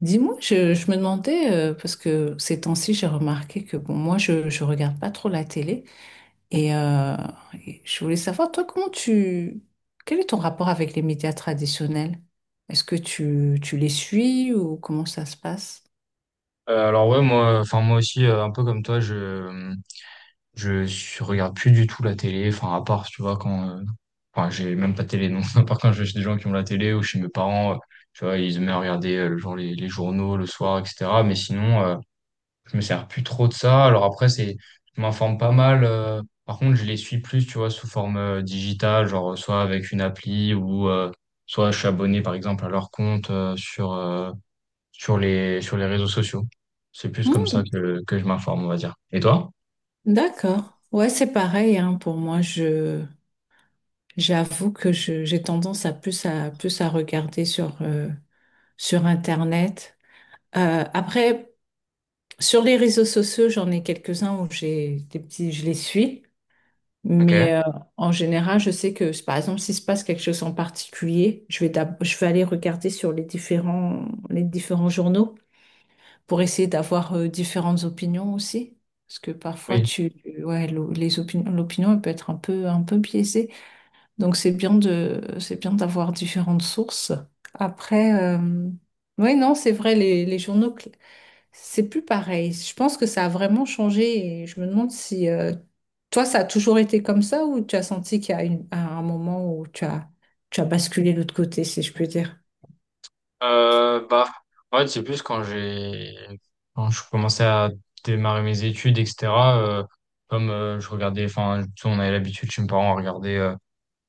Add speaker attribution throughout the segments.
Speaker 1: Dis-moi, je me demandais, parce que ces temps-ci, j'ai remarqué que bon, moi, je regarde pas trop la télé. Et, euh, et je voulais savoir, toi, comment tu... Quel est ton rapport avec les médias traditionnels? Est-ce que tu les suis ou comment ça se passe?
Speaker 2: Alors ouais moi enfin moi aussi un peu comme toi je regarde plus du tout la télé, enfin à part tu vois quand j'ai même pas de télé, non. À part quand je vais chez des gens qui ont la télé ou chez mes parents, tu vois, ils aimaient regarder le les journaux le soir, etc. Mais sinon, je me sers plus trop de ça. Alors après, c'est je m'informe pas mal. Par contre, je les suis plus, tu vois, sous forme digitale, genre soit avec une appli ou soit je suis abonné par exemple à leur compte sur sur les réseaux sociaux. C'est plus comme
Speaker 1: Hmm,
Speaker 2: ça que je m'informe, on va dire. Et toi?
Speaker 1: d'accord. Ouais, c'est pareil, hein, pour moi, je, j'avoue que je, j'ai tendance à plus à regarder sur Internet. Après... Sur les réseaux sociaux, j'en ai quelques-uns où j'ai des petits, je les suis,
Speaker 2: Ok,
Speaker 1: mais en général, je sais que par exemple, s'il se passe quelque chose en particulier, je vais aller regarder sur les différents journaux pour essayer d'avoir différentes opinions aussi, parce que parfois
Speaker 2: oui.
Speaker 1: ouais, les opinions l'opinion elle peut être un peu biaisée, donc c'est bien d'avoir différentes sources. Après, oui, non, c'est vrai, les journaux. C'est plus pareil. Je pense que ça a vraiment changé et je me demande si toi, ça a toujours été comme ça ou tu as senti qu'il y a à un moment où tu as basculé de l'autre côté, si je peux dire.
Speaker 2: Euh, bah, En fait, c'est plus quand je commençais à démarrer mes études, etc. euh, Comme je regardais, enfin, tu sais, on avait l'habitude chez mes parents à regarder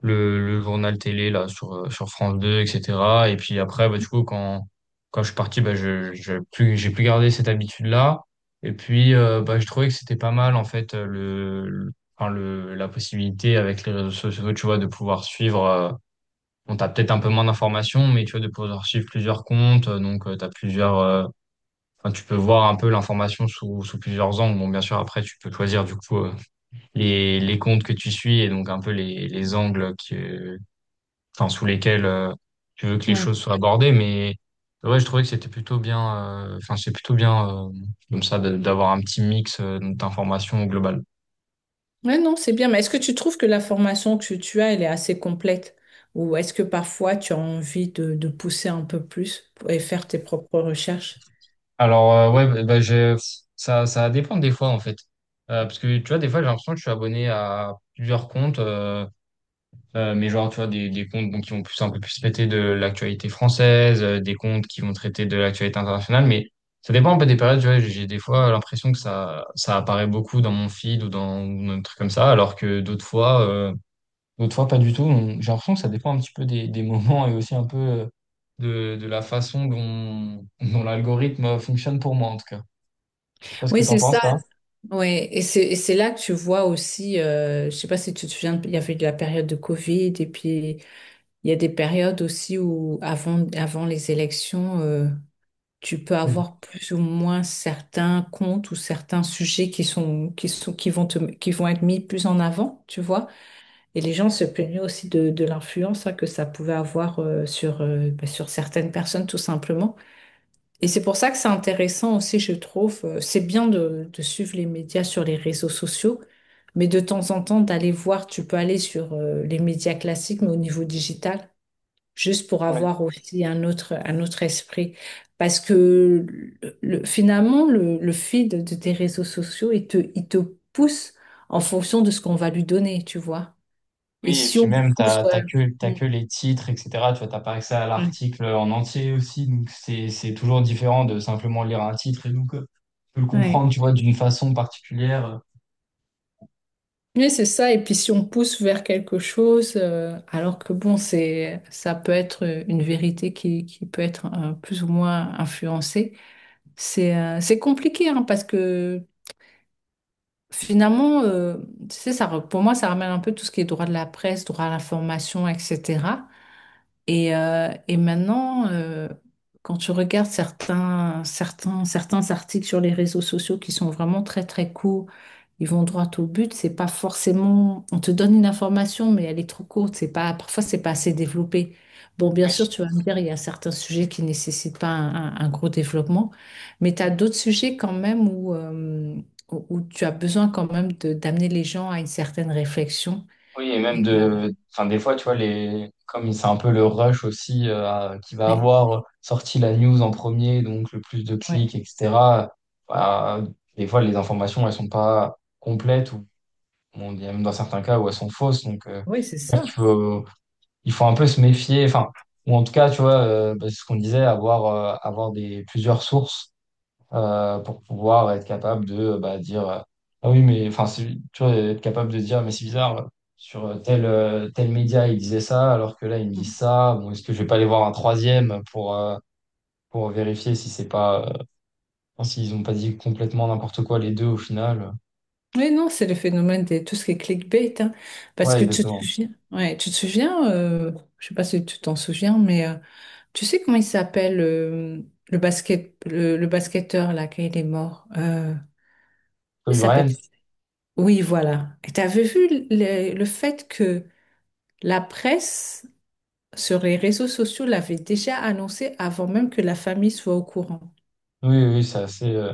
Speaker 2: le journal télé là sur France 2, etc. Et puis après, bah, du coup, quand je suis parti, bah je j'ai plus gardé cette habitude là et puis bah, je trouvais que c'était pas mal en fait, le- enfin le la possibilité avec les réseaux sociaux, tu vois, de pouvoir suivre, bon, t'as peut-être un peu moins d'informations, mais tu vois, de pouvoir suivre plusieurs comptes, t'as plusieurs tu peux voir un peu l'information sous plusieurs angles. Bon, bien sûr, après tu peux choisir du coup les comptes que tu suis, et donc un peu les angles que enfin sous lesquels tu veux que les
Speaker 1: Ouais.
Speaker 2: choses soient abordées. Mais ouais, je trouvais que c'était plutôt bien, enfin c'est plutôt bien comme ça d'avoir un petit mix d'informations globales.
Speaker 1: Ouais, non, c'est bien. Mais est-ce que tu trouves que la formation que tu as, elle est assez complète? Ou est-ce que parfois tu as envie de pousser un peu plus et faire tes propres recherches?
Speaker 2: Alors euh, ouais, bah, bah, j'ai- Ça, ça va dépendre des fois en fait. Parce que tu vois, des fois, j'ai l'impression que je suis abonné à plusieurs comptes. Mais genre, tu vois, des comptes, bon, qui vont un peu plus traiter de l'actualité française, des comptes qui vont traiter de l'actualité internationale. Mais ça dépend un peu des périodes, tu vois, j'ai des fois l'impression que ça apparaît beaucoup dans mon feed ou ou dans des trucs comme ça, alors que d'autres fois pas du tout. Donc j'ai l'impression que ça dépend un petit peu des moments et aussi un peu de la façon dont l'algorithme fonctionne, pour moi en tout cas. Je sais pas ce que
Speaker 1: Oui,
Speaker 2: t'en
Speaker 1: c'est
Speaker 2: penses,
Speaker 1: ça.
Speaker 2: toi.
Speaker 1: Ouais, et c'est là que tu vois aussi, je sais pas si tu te souviens, il y avait de la période de Covid et puis il y a des périodes aussi où, avant les élections, tu peux
Speaker 2: Oui.
Speaker 1: avoir plus ou moins certains comptes ou certains sujets qui vont qui vont être mis plus en avant, tu vois. Et les gens se plaignaient aussi de l'influence, hein, que ça pouvait avoir, sur, bah, sur certaines personnes, tout simplement. Et c'est pour ça que c'est intéressant aussi, je trouve. C'est bien de suivre les médias sur les réseaux sociaux. Mais de temps en temps, d'aller voir, tu peux aller sur les médias classiques, mais au niveau digital juste pour avoir aussi un autre esprit. Parce que finalement, le feed de tes réseaux sociaux, il te pousse en fonction de ce qu'on va lui donner, tu vois. Et
Speaker 2: Oui, et
Speaker 1: si
Speaker 2: puis
Speaker 1: on
Speaker 2: même,
Speaker 1: pousse... ouais.
Speaker 2: t'as
Speaker 1: Mm.
Speaker 2: que les titres, etc. Tu vois, t'as pas accès à
Speaker 1: Ouais.
Speaker 2: l'article en entier aussi, donc c'est toujours différent de simplement lire un titre, et donc tu peux le
Speaker 1: Ouais.
Speaker 2: comprendre, tu vois, d'une façon particulière.
Speaker 1: Mais c'est ça, et puis si on pousse vers quelque chose, alors que bon, c'est, ça peut être une vérité qui peut être plus ou moins influencée, c'est compliqué, hein, parce que finalement, tu sais, ça, pour moi, ça ramène un peu tout ce qui est droit de la presse, droit à l'information, etc. Et maintenant, quand tu regardes certains articles sur les réseaux sociaux qui sont vraiment très très courts, ils vont droit au but. C'est pas forcément, on te donne une information, mais elle est trop courte. C'est pas, parfois c'est pas assez développé. Bon, bien
Speaker 2: Oui.
Speaker 1: sûr, tu vas me dire, il y a certains sujets qui nécessitent pas un gros développement, mais tu as d'autres sujets quand même où, où tu as besoin quand même d'amener les gens à une certaine réflexion.
Speaker 2: Oui, et même
Speaker 1: Et, euh,
Speaker 2: de, enfin, des fois, tu vois, les, comme c'est un peu le rush aussi, qui va
Speaker 1: ouais.
Speaker 2: avoir sorti la news en premier, donc le plus de
Speaker 1: Ouais.
Speaker 2: clics, etc. Bah, des fois les informations, elles sont pas complètes, ou bon, il y a même dans certains cas où elles sont fausses. Donc,
Speaker 1: Oui, c'est
Speaker 2: j'espère qu'il
Speaker 1: ça.
Speaker 2: faut il faut un peu se méfier, enfin, ou en tout cas, tu vois, bah, c'est ce qu'on disait, avoir plusieurs sources pour pouvoir être capable de, bah, dire, ah oui, mais enfin, c'est- tu vois, être capable de dire, mais c'est bizarre, sur tel média ils disaient ça, alors que là ils me disent ça. Bon, est-ce que je vais pas aller voir un troisième pour vérifier si c'est pas, s'ils ont pas dit complètement n'importe quoi les deux au final.
Speaker 1: Oui, non, c'est le phénomène de tout ce qui est clickbait, hein. Parce
Speaker 2: Ouais,
Speaker 1: que tu te
Speaker 2: exactement.
Speaker 1: souviens, ouais, tu te souviens, je sais pas si tu t'en souviens, mais tu sais comment il s'appelle le basket, le basketteur là, quand il est mort, comment il
Speaker 2: Oui,
Speaker 1: s'appelle.
Speaker 2: Brian,
Speaker 1: Oui, voilà. Et t'avais vu le fait que la presse sur les réseaux sociaux l'avait déjà annoncé avant même que la famille soit au courant.
Speaker 2: oui, oui, c'est assez.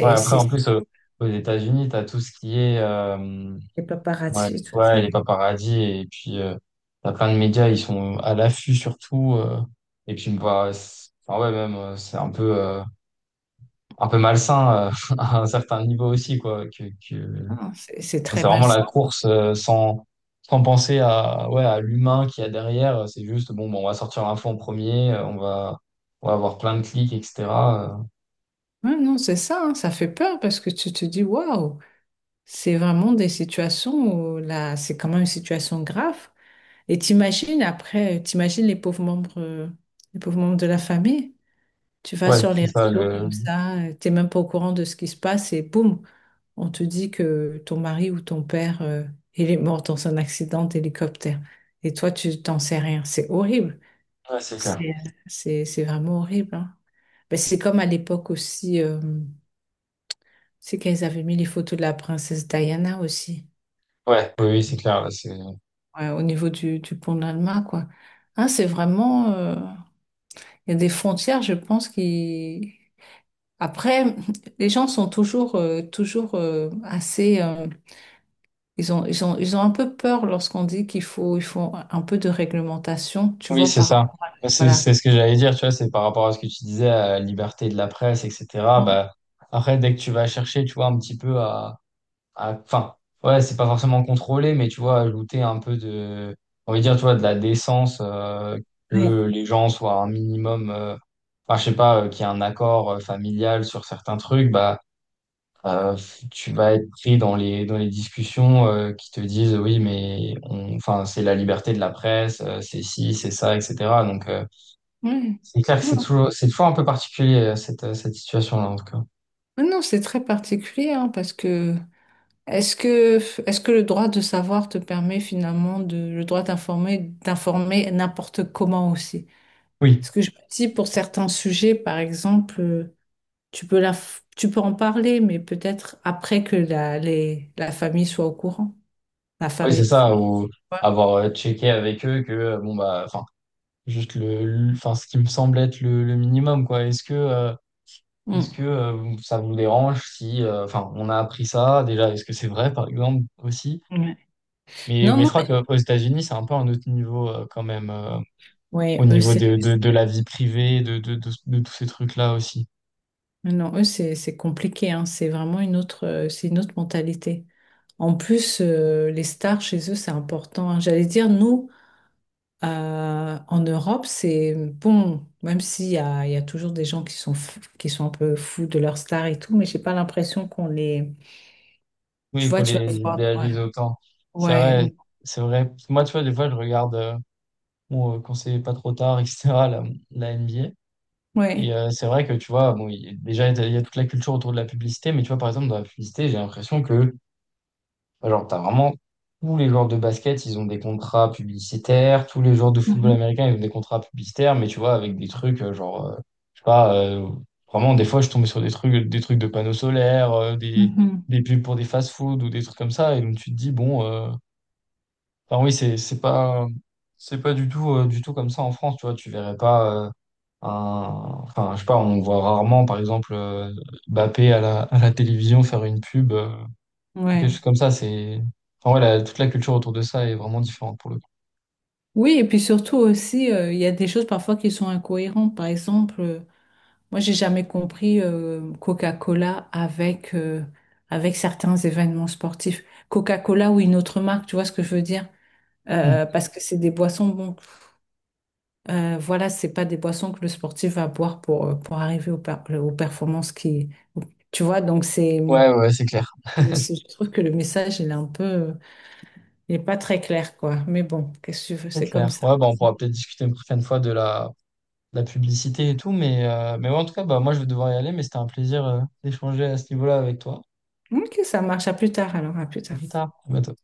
Speaker 2: Ouais, après,
Speaker 1: c'est,
Speaker 2: en plus, aux États-Unis, tu as tout ce qui est.
Speaker 1: les
Speaker 2: Ouais,
Speaker 1: paparazzi et tout
Speaker 2: ouais,
Speaker 1: ça.
Speaker 2: les paparazzis, et puis t'as plein de médias, ils sont à l'affût surtout. Et puis bah, enfin ouais, même c'est un peu malsain à un certain niveau aussi quoi. Que...
Speaker 1: Ah, c'est
Speaker 2: enfin,
Speaker 1: très
Speaker 2: c'est
Speaker 1: mal.
Speaker 2: vraiment la course, sans penser à, ouais, à l'humain qu'il y a derrière. C'est juste bon, bon, on va sortir l'info en premier, on va avoir plein de clics, etc. euh.
Speaker 1: Ouais, non, c'est ça, hein, ça fait peur parce que tu te dis, waouh, c'est vraiment des situations où là, c'est quand même une situation grave. Et t'imagines après, t'imagines les pauvres membres de la famille. Tu vas
Speaker 2: Ouais,
Speaker 1: sur les
Speaker 2: c'est ça.
Speaker 1: réseaux
Speaker 2: Le,
Speaker 1: comme ça, t'es même pas au courant de ce qui se passe et boum, on te dit que ton mari ou ton père, il est mort dans un accident d'hélicoptère. Et toi, tu t'en sais rien. C'est horrible.
Speaker 2: ouais, c'est clair.
Speaker 1: C'est vraiment horrible, hein. Ben, c'est comme à l'époque aussi. C'est qu'ils avaient mis les photos de la princesse Diana aussi,
Speaker 2: Ouais, oui oui, c'est clair là, c'est,
Speaker 1: ouais, au niveau du pont de l'Alma, quoi. Hein, c'est vraiment... il y a des frontières, je pense, qui... Après, les gens sont toujours assez... ils ont un peu peur lorsqu'on dit il faut un peu de réglementation, tu
Speaker 2: oui
Speaker 1: vois,
Speaker 2: c'est
Speaker 1: par...
Speaker 2: ça. Bah, C'est
Speaker 1: Voilà.
Speaker 2: c'est ce que j'allais dire, tu vois, c'est par rapport à ce que tu disais, à la liberté de la presse, etc. Bah, après, dès que tu vas chercher, tu vois, un petit peu à, enfin, ouais, c'est pas forcément contrôlé, mais tu vois, ajouter un peu de, on va dire, tu vois, de la décence,
Speaker 1: Ouais.
Speaker 2: que les gens soient un minimum, enfin, je sais pas, qu'il y ait un accord familial sur certains trucs, bah, euh, tu vas être pris dans dans les discussions qui te disent oui, mais on, enfin, c'est la liberté de la presse, c'est ci, c'est ça, etc. Donc, euh,
Speaker 1: Ouais.
Speaker 2: c'est clair que
Speaker 1: Non,
Speaker 2: c'est c'est toujours un peu particulier, cette situation-là, en tout cas.
Speaker 1: mais non, c'est très particulier, hein, parce que... Est-ce que, est-ce que le droit de savoir te permet finalement le droit d'informer, d'informer n'importe comment aussi?
Speaker 2: Oui,
Speaker 1: Parce que je me dis pour certains sujets, par exemple, tu peux la, tu peux en parler, mais peut-être après que la famille soit au courant, la
Speaker 2: oui,
Speaker 1: famille
Speaker 2: c'est ça.
Speaker 1: proche.
Speaker 2: Ou
Speaker 1: Tu
Speaker 2: avoir checké avec eux que, bon, bah, enfin, juste enfin, ce qui me semble être le minimum, quoi. Est-ce que
Speaker 1: vois.
Speaker 2: ça vous dérange si, enfin, on a appris ça déjà, est-ce que c'est vrai, par exemple, aussi?
Speaker 1: Mm. Ouais. Non,
Speaker 2: Mais je
Speaker 1: non,
Speaker 2: crois
Speaker 1: mais
Speaker 2: qu'aux États-Unis, c'est un peu un autre niveau quand même, au
Speaker 1: ouais,
Speaker 2: niveau de la vie privée, de tous ces trucs-là aussi.
Speaker 1: non, eux, c'est compliqué, hein. C'est vraiment une autre, c'est une autre mentalité. En plus, les stars chez eux, c'est important, hein. J'allais dire, nous, en Europe, c'est bon, même s'il y a, il y a toujours des gens qui sont, qui sont un peu fous de leur star et tout, mais j'ai pas l'impression qu'on les. Tu
Speaker 2: Oui, qu'on
Speaker 1: vois, tu vas
Speaker 2: les
Speaker 1: voir.
Speaker 2: idéalise
Speaker 1: Ouais,
Speaker 2: autant. C'est
Speaker 1: ouais,
Speaker 2: vrai, c'est vrai. Moi, tu vois, des fois, je regarde bon, quand c'est pas trop tard, etc., la NBA. Et
Speaker 1: ouais.
Speaker 2: c'est vrai que, tu vois, bon, déjà, il y a toute la culture autour de la publicité. Mais tu vois, par exemple, dans la publicité, j'ai l'impression que, genre, t'as vraiment tous les joueurs de basket, ils ont des contrats publicitaires, tous les joueurs de football
Speaker 1: Mhm,
Speaker 2: américain, ils ont des contrats publicitaires. Mais tu vois, avec des trucs, je sais pas, vraiment, des fois, je tombais sur des trucs de panneaux solaires,
Speaker 1: mhm,
Speaker 2: des pubs pour des fast-food ou des trucs comme ça. Et donc tu te dis, bon, enfin oui, c'est pas du tout, du tout comme ça en France. Tu vois, tu verrais pas, enfin, je sais pas, on voit rarement, par exemple, Mbappé à à la télévision faire une pub, quelque
Speaker 1: ouais.
Speaker 2: chose comme ça. Enfin, ouais, toute la culture autour de ça est vraiment différente pour le coup.
Speaker 1: Oui, et puis surtout aussi, il y a des choses parfois qui sont incohérentes. Par exemple, moi, j'ai jamais compris Coca-Cola avec, avec certains événements sportifs. Coca-Cola ou une autre marque, tu vois ce que je veux dire?
Speaker 2: Hmm.
Speaker 1: Parce que c'est des boissons, bon, voilà, c'est pas des boissons que le sportif va boire pour arriver aux performances qui... Tu vois, donc c'est...
Speaker 2: Ouais, ouais, c'est clair.
Speaker 1: Je trouve que le message, il est un peu... Il est pas très clair, quoi. Mais bon, qu'est-ce que tu veux,
Speaker 2: C'est
Speaker 1: c'est comme
Speaker 2: clair.
Speaker 1: ça.
Speaker 2: Ouais, bah, on pourra peut-être discuter une prochaine fois de de la publicité et tout. Mais ouais, en tout cas, bah, moi, je vais devoir y aller. Mais c'était un plaisir, d'échanger à ce niveau-là avec toi.
Speaker 1: Ok, ça marche. À plus tard, alors, à plus
Speaker 2: À
Speaker 1: tard.
Speaker 2: plus tard. À bientôt.